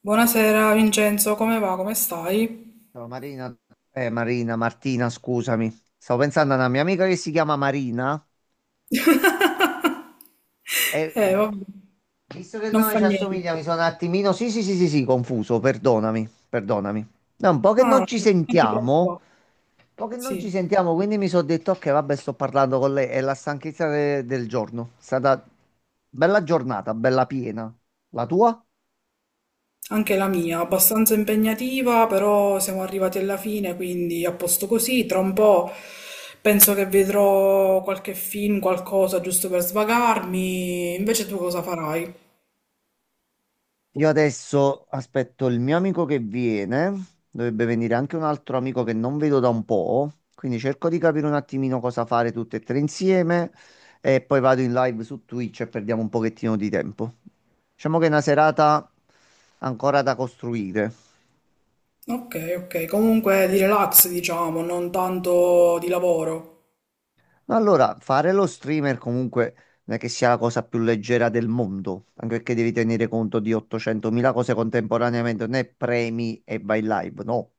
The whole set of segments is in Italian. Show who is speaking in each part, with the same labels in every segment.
Speaker 1: Buonasera Vincenzo, come va? Come stai?
Speaker 2: Ciao Marina, Marina, Martina, scusami. Stavo pensando a una mia amica che si chiama Marina e
Speaker 1: Vabbè,
Speaker 2: visto che il
Speaker 1: non
Speaker 2: nome
Speaker 1: fa
Speaker 2: ci
Speaker 1: niente.
Speaker 2: assomiglia, mi sono un attimino. Sì, sì, sì, sì, sì, confuso, perdonami, perdonami. No, un po' che
Speaker 1: No,
Speaker 2: non ci
Speaker 1: no, non ti
Speaker 2: sentiamo,
Speaker 1: preoccupare.
Speaker 2: un po' che non
Speaker 1: Sì,
Speaker 2: ci sentiamo, quindi mi sono detto che vabbè, sto parlando con lei. È la stanchezza del giorno. È stata bella giornata, bella piena. La tua?
Speaker 1: anche la mia, abbastanza impegnativa, però siamo arrivati alla fine, quindi a posto così. Tra un po' penso che vedrò qualche film, qualcosa giusto per svagarmi. Invece tu cosa farai?
Speaker 2: Io adesso aspetto il mio amico che viene, dovrebbe venire anche un altro amico che non vedo da un po', quindi cerco di capire un attimino cosa fare tutte e tre insieme e poi vado in live su Twitch e perdiamo un pochettino di tempo. Diciamo che è una serata ancora da costruire.
Speaker 1: Ok, ok, comunque di relax, diciamo, non tanto di lavoro.
Speaker 2: No, allora, fare lo streamer comunque non è che sia la cosa più leggera del mondo, anche perché devi tenere conto di 800.000 cose contemporaneamente, non è premi e vai in live, no.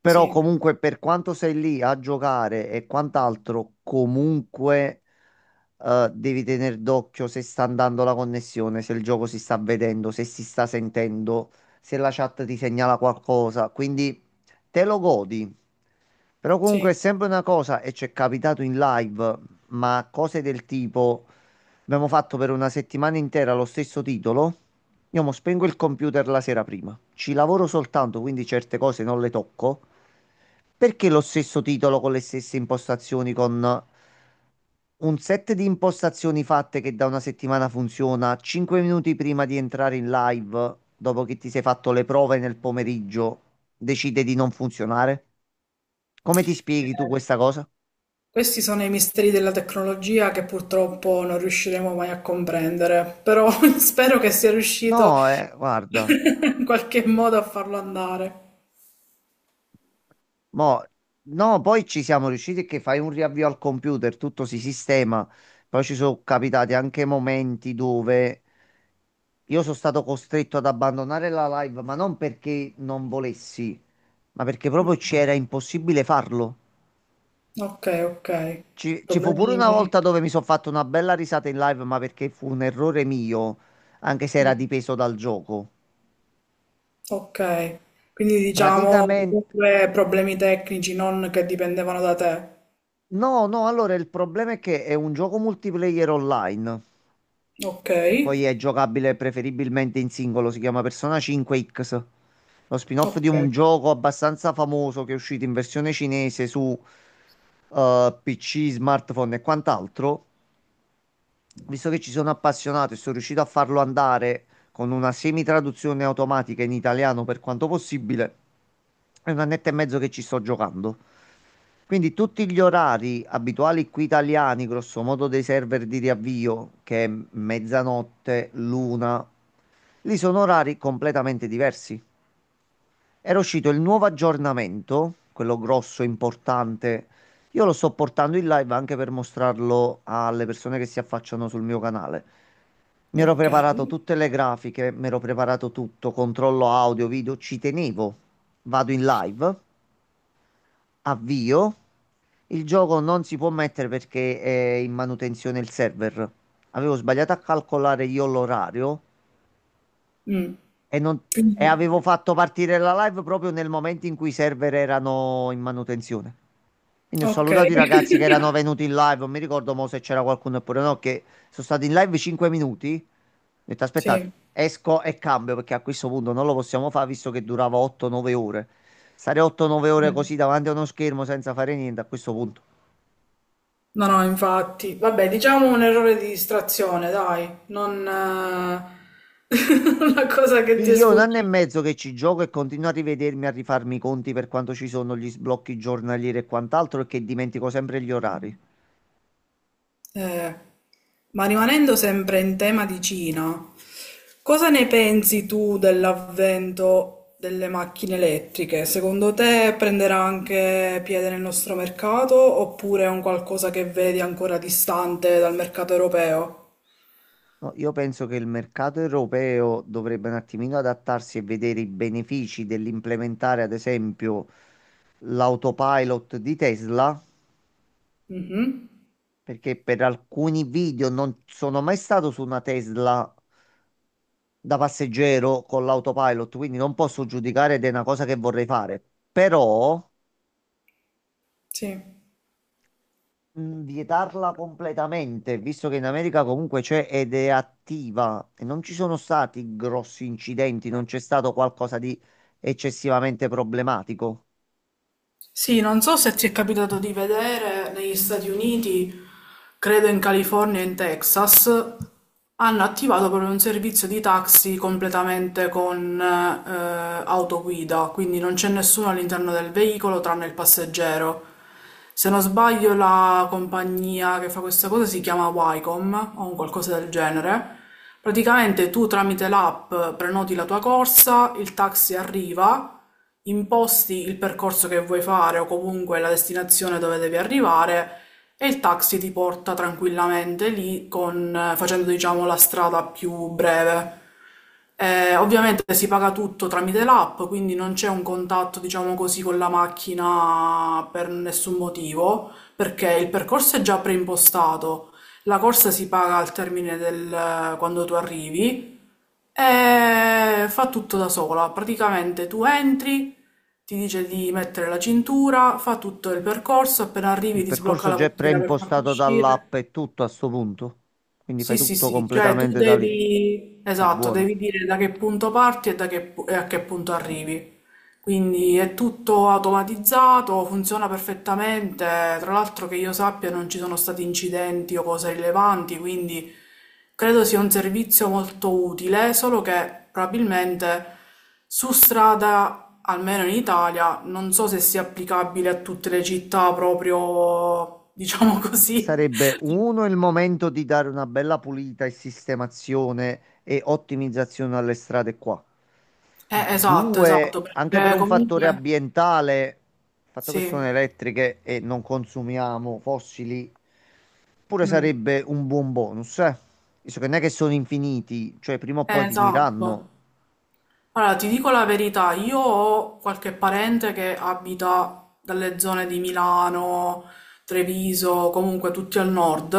Speaker 2: Però
Speaker 1: Sì,
Speaker 2: comunque per quanto sei lì a giocare e quant'altro, comunque devi tenere d'occhio se sta andando la connessione, se il gioco si sta vedendo, se si sta sentendo, se la chat ti segnala qualcosa. Quindi te lo godi. Però comunque è
Speaker 1: sì.
Speaker 2: sempre una cosa, e ci è capitato in live, ma cose del tipo. Abbiamo fatto per una settimana intera lo stesso titolo. Io mo spengo il computer la sera prima. Ci lavoro soltanto, quindi certe cose non le tocco. Perché lo stesso titolo con le stesse impostazioni, con un set di impostazioni fatte che da una settimana funziona, 5 minuti prima di entrare in live, dopo che ti sei fatto le prove nel pomeriggio, decide di non funzionare? Come ti spieghi tu
Speaker 1: Eh.
Speaker 2: questa cosa?
Speaker 1: Questi sono i misteri della tecnologia che purtroppo non riusciremo mai a comprendere, però spero che sia riuscito
Speaker 2: No, guarda.
Speaker 1: in qualche modo a farlo andare.
Speaker 2: Mo- no, poi ci siamo riusciti che fai un riavvio al computer, tutto si sistema. Poi ci sono capitati anche momenti dove io sono stato costretto ad abbandonare la live, ma non perché non volessi, ma perché proprio c'era impossibile farlo.
Speaker 1: Ok, ok.
Speaker 2: Ci fu pure una
Speaker 1: Problemi...
Speaker 2: volta dove mi sono fatto una bella risata in live, ma perché fu un errore mio, anche se era
Speaker 1: Mm.
Speaker 2: dipeso dal gioco.
Speaker 1: Ok. Quindi diciamo
Speaker 2: Praticamente,
Speaker 1: comunque problemi tecnici, non che dipendevano da te.
Speaker 2: no, no, allora il problema è che è un gioco multiplayer online,
Speaker 1: Ok,
Speaker 2: che poi è giocabile preferibilmente in singolo, si chiama Persona 5X, lo spin-off di
Speaker 1: ok,
Speaker 2: un gioco abbastanza famoso che è uscito in versione cinese su PC, smartphone e quant'altro. Visto che ci sono appassionato e sono riuscito a farlo andare con una semi-traduzione automatica in italiano per quanto possibile, è un annetto e mezzo che ci sto giocando. Quindi tutti gli orari abituali qui italiani, grosso modo dei server di riavvio, che è mezzanotte, l'una, lì sono orari completamente diversi. Era uscito il nuovo aggiornamento, quello grosso, importante. Io lo sto portando in live anche per mostrarlo alle persone che si affacciano sul mio canale. Mi ero
Speaker 1: ok.
Speaker 2: preparato tutte le grafiche, mi ero preparato tutto, controllo audio, video, ci tenevo. Vado in live. Avvio. Il gioco non si può mettere perché è in manutenzione il server. Avevo sbagliato a calcolare io l'orario
Speaker 1: Mm.
Speaker 2: e, non- e
Speaker 1: Quindi,
Speaker 2: avevo fatto partire la live proprio nel momento in cui i server erano in manutenzione. Quindi ho
Speaker 1: ok.
Speaker 2: salutato i ragazzi che erano venuti in live. Non mi ricordo mo se c'era qualcuno oppure no, che sono stati in live 5 minuti. Ho detto aspettate,
Speaker 1: Sì.
Speaker 2: esco e cambio perché a questo punto non lo possiamo fare visto che durava 8-9 ore. Stare 8-9 ore così davanti a uno schermo senza fare niente a questo punto.
Speaker 1: No, no, infatti. Vabbè, diciamo un errore di distrazione, dai, non una cosa che
Speaker 2: Sì,
Speaker 1: ti è
Speaker 2: io è un anno e
Speaker 1: sfuggita.
Speaker 2: mezzo che ci gioco e continuo a rivedermi, a rifarmi i conti per quanto ci sono gli sblocchi giornalieri e quant'altro e che dimentico sempre gli orari.
Speaker 1: Eh, ma rimanendo sempre in tema di Cina, cosa ne pensi tu dell'avvento delle macchine elettriche? Secondo te prenderà anche piede nel nostro mercato oppure è un qualcosa che vedi ancora distante dal mercato europeo?
Speaker 2: No, io penso che il mercato europeo dovrebbe un attimino adattarsi e vedere i benefici dell'implementare, ad esempio, l'autopilot di Tesla,
Speaker 1: Mhm.
Speaker 2: perché per alcuni video non sono mai stato su una Tesla da passeggero con l'autopilot, quindi non posso giudicare ed è una cosa che vorrei fare. Però
Speaker 1: Sì.
Speaker 2: vietarla completamente, visto che in America comunque c'è ed è attiva e non ci sono stati grossi incidenti, non c'è stato qualcosa di eccessivamente problematico.
Speaker 1: Sì, non so se ti è capitato di vedere negli Stati Uniti, credo in California e in Texas, hanno attivato proprio un servizio di taxi completamente con autoguida, quindi non c'è nessuno all'interno del veicolo tranne il passeggero. Se non sbaglio la compagnia che fa questa cosa si chiama Wycom o un qualcosa del genere. Praticamente tu tramite l'app prenoti la tua corsa, il taxi arriva, imposti il percorso che vuoi fare o comunque la destinazione dove devi arrivare e il taxi ti porta tranquillamente lì con, facendo diciamo la strada più breve. Ovviamente si paga tutto tramite l'app, quindi non c'è un contatto, diciamo così, con la macchina per nessun motivo, perché il percorso è già preimpostato. La corsa si paga al termine del quando tu arrivi e fa tutto da sola. Praticamente tu entri, ti dice di mettere la cintura, fa tutto il percorso, appena arrivi
Speaker 2: Il
Speaker 1: ti sblocca
Speaker 2: percorso
Speaker 1: la
Speaker 2: già è
Speaker 1: portiera per farti
Speaker 2: preimpostato
Speaker 1: uscire.
Speaker 2: dall'app e tutto a sto punto, quindi fai
Speaker 1: Sì, sì,
Speaker 2: tutto
Speaker 1: sì, cioè tu
Speaker 2: completamente da lì.
Speaker 1: devi,
Speaker 2: È
Speaker 1: esatto,
Speaker 2: buono.
Speaker 1: devi dire da che punto parti e, e a che punto arrivi. Quindi è tutto automatizzato, funziona perfettamente. Tra l'altro che io sappia non ci sono stati incidenti o cose rilevanti, quindi credo sia un servizio molto utile, solo che probabilmente su strada, almeno in Italia, non so se sia applicabile a tutte le città proprio, diciamo così.
Speaker 2: Sarebbe uno il momento di dare una bella pulita e sistemazione e ottimizzazione alle strade qua.
Speaker 1: Esatto,
Speaker 2: Due,
Speaker 1: esatto,
Speaker 2: anche per
Speaker 1: perché
Speaker 2: un fattore
Speaker 1: comunque
Speaker 2: ambientale, il fatto che sono
Speaker 1: sì.
Speaker 2: elettriche e non consumiamo fossili, pure
Speaker 1: Mm.
Speaker 2: sarebbe un buon bonus, eh. Visto che non è che sono infiniti, cioè prima o
Speaker 1: Eh,
Speaker 2: poi finiranno.
Speaker 1: esatto. Allora, ti dico la verità, io ho qualche parente che abita dalle zone di Milano, Treviso, comunque tutti al nord,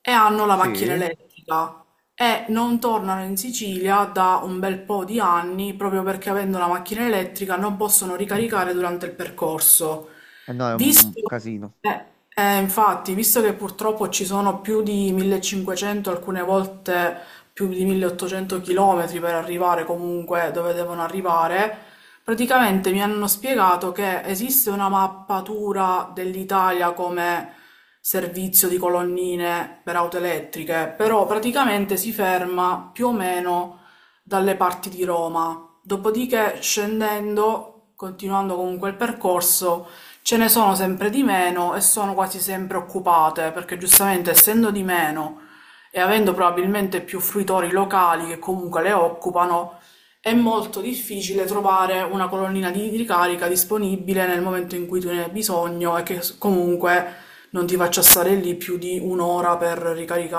Speaker 1: e hanno la
Speaker 2: Sì,
Speaker 1: macchina
Speaker 2: e
Speaker 1: elettrica e non tornano in Sicilia da un bel po' di anni proprio perché avendo la macchina elettrica non possono ricaricare durante il percorso.
Speaker 2: no, è un
Speaker 1: Visto,
Speaker 2: casino.
Speaker 1: eh, infatti, visto che purtroppo ci sono più di 1500, alcune volte più di 1800 chilometri per arrivare comunque dove devono arrivare, praticamente mi hanno spiegato che esiste una mappatura dell'Italia come servizio di colonnine per auto elettriche, però praticamente si ferma più o meno dalle parti di Roma. Dopodiché, scendendo, continuando comunque il percorso, ce ne sono sempre di meno e sono quasi sempre occupate, perché giustamente essendo di meno e avendo probabilmente più fruitori locali che comunque le occupano, è molto difficile trovare una colonnina di ricarica disponibile nel momento in cui tu ne hai bisogno e che comunque non ti faccia stare lì più di un'ora per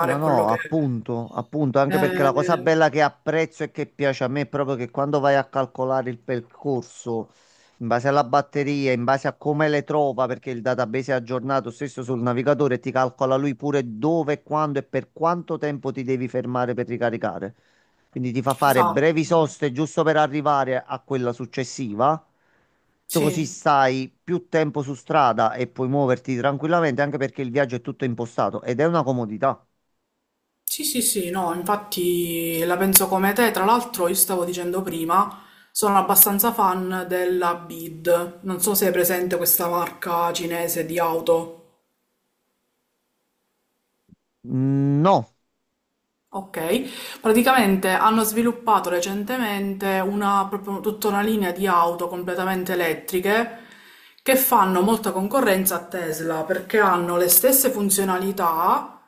Speaker 2: No,
Speaker 1: quello
Speaker 2: no,
Speaker 1: che...
Speaker 2: appunto, appunto, anche perché la cosa
Speaker 1: Eh,
Speaker 2: bella che apprezzo e che piace a me è proprio che quando vai a calcolare il percorso in base alla batteria, in base a come le trova, perché il database è aggiornato stesso sul navigatore, ti calcola lui pure dove, quando e per quanto tempo ti devi fermare per ricaricare. Quindi ti fa fare
Speaker 1: esatto,
Speaker 2: brevi soste giusto per arrivare a quella successiva. Tu così
Speaker 1: sì.
Speaker 2: stai più tempo su strada e puoi muoverti tranquillamente, anche perché il viaggio è tutto impostato ed è una comodità.
Speaker 1: Sì, sì, sì, no, infatti la penso come te. Tra l'altro, io stavo dicendo prima, sono abbastanza fan della BID. Non so se è presente questa marca cinese di auto.
Speaker 2: Mm. No.
Speaker 1: Ok, praticamente hanno sviluppato recentemente una, proprio tutta una linea di auto completamente elettriche che fanno molta concorrenza a Tesla perché hanno le stesse funzionalità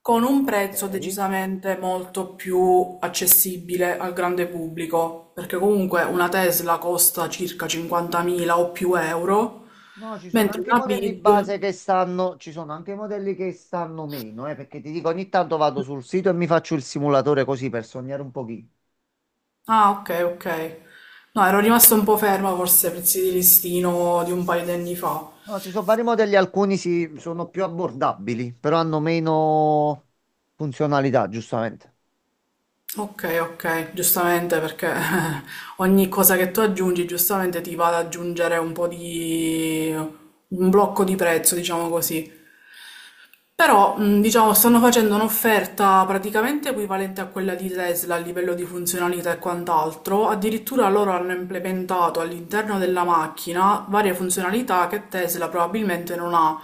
Speaker 1: con un
Speaker 2: Ok.
Speaker 1: prezzo decisamente molto più accessibile al grande pubblico, perché comunque una Tesla costa circa 50.000 o più euro,
Speaker 2: No, ci sono
Speaker 1: mentre
Speaker 2: anche
Speaker 1: una
Speaker 2: modelli base
Speaker 1: BID...
Speaker 2: che stanno, ci sono anche modelli che stanno meno, perché ti dico, ogni tanto vado sul sito e mi faccio il simulatore così per sognare un pochino.
Speaker 1: Ah, ok, ok. No, ero rimasta un po' ferma forse ai prezzi di listino di un paio di anni fa.
Speaker 2: No, ci sono vari modelli, alcuni sono più abbordabili, però hanno meno funzionalità, giustamente.
Speaker 1: Ok, ok, giustamente perché ogni cosa che tu aggiungi giustamente ti va ad aggiungere un po' di... un blocco di prezzo, diciamo così. Però, diciamo, stanno facendo un'offerta praticamente equivalente a quella di Tesla a livello di funzionalità e quant'altro. Addirittura loro hanno implementato all'interno della macchina varie funzionalità che Tesla probabilmente non ha.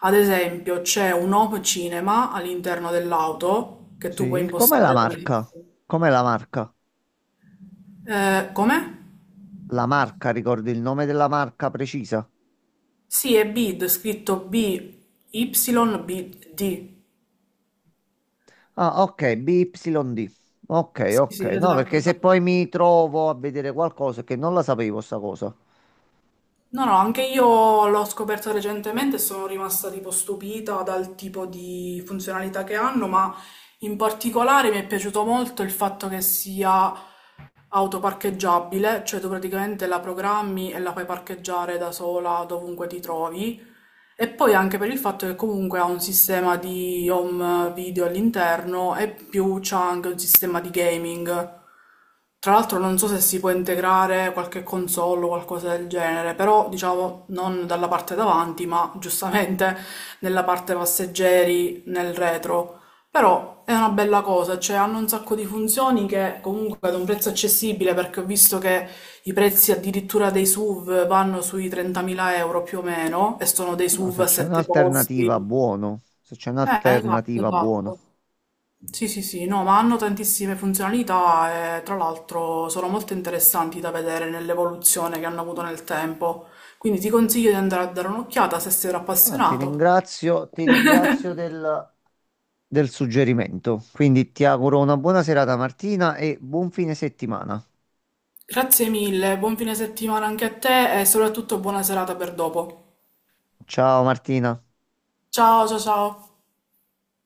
Speaker 1: Ad esempio, c'è un home cinema all'interno dell'auto che tu puoi
Speaker 2: Sì. Com'è la
Speaker 1: impostare come...
Speaker 2: marca? Com'è la marca?
Speaker 1: Come?
Speaker 2: La marca, ricordi il nome della marca precisa?
Speaker 1: Sì, è BID, scritto B, Y, B, D.
Speaker 2: Ah, ok, BYD. Ok,
Speaker 1: Sì,
Speaker 2: ok.
Speaker 1: sì,
Speaker 2: No,
Speaker 1: esatto,
Speaker 2: perché se
Speaker 1: esatto.
Speaker 2: poi mi trovo a vedere qualcosa che non la sapevo sta cosa.
Speaker 1: No, no, anche io l'ho scoperta recentemente e sono rimasta tipo stupita dal tipo di funzionalità che hanno, ma in particolare mi è piaciuto molto il fatto che sia autoparcheggiabile, cioè tu praticamente la programmi e la fai parcheggiare da sola dovunque ti trovi. E poi anche per il fatto che comunque ha un sistema di home video all'interno e più c'ha anche un sistema di gaming. Tra l'altro non so se si può integrare qualche console o qualcosa del genere, però diciamo non dalla parte davanti, ma giustamente nella parte passeggeri, nel retro. Però è una bella cosa, cioè hanno un sacco di funzioni che comunque ad un prezzo accessibile, perché ho visto che i prezzi addirittura dei SUV vanno sui 30.000 euro più o meno, e sono dei
Speaker 2: No,
Speaker 1: SUV
Speaker 2: se
Speaker 1: a
Speaker 2: c'è
Speaker 1: sette
Speaker 2: un'alternativa,
Speaker 1: posti.
Speaker 2: buono. Se c'è
Speaker 1: Esatto,
Speaker 2: un'alternativa, buono.
Speaker 1: esatto. Sì, sì, sì, no, ma hanno tantissime funzionalità e tra l'altro sono molto interessanti da vedere nell'evoluzione che hanno avuto nel tempo. Quindi ti consiglio di andare a dare un'occhiata se sei
Speaker 2: Ah,
Speaker 1: appassionato.
Speaker 2: ti ringrazio del, del suggerimento. Quindi ti auguro una buona serata, Martina, e buon fine settimana.
Speaker 1: Grazie mille, buon fine settimana anche a te e soprattutto buona serata per dopo.
Speaker 2: Ciao, Martina.
Speaker 1: Ciao, ciao, ciao.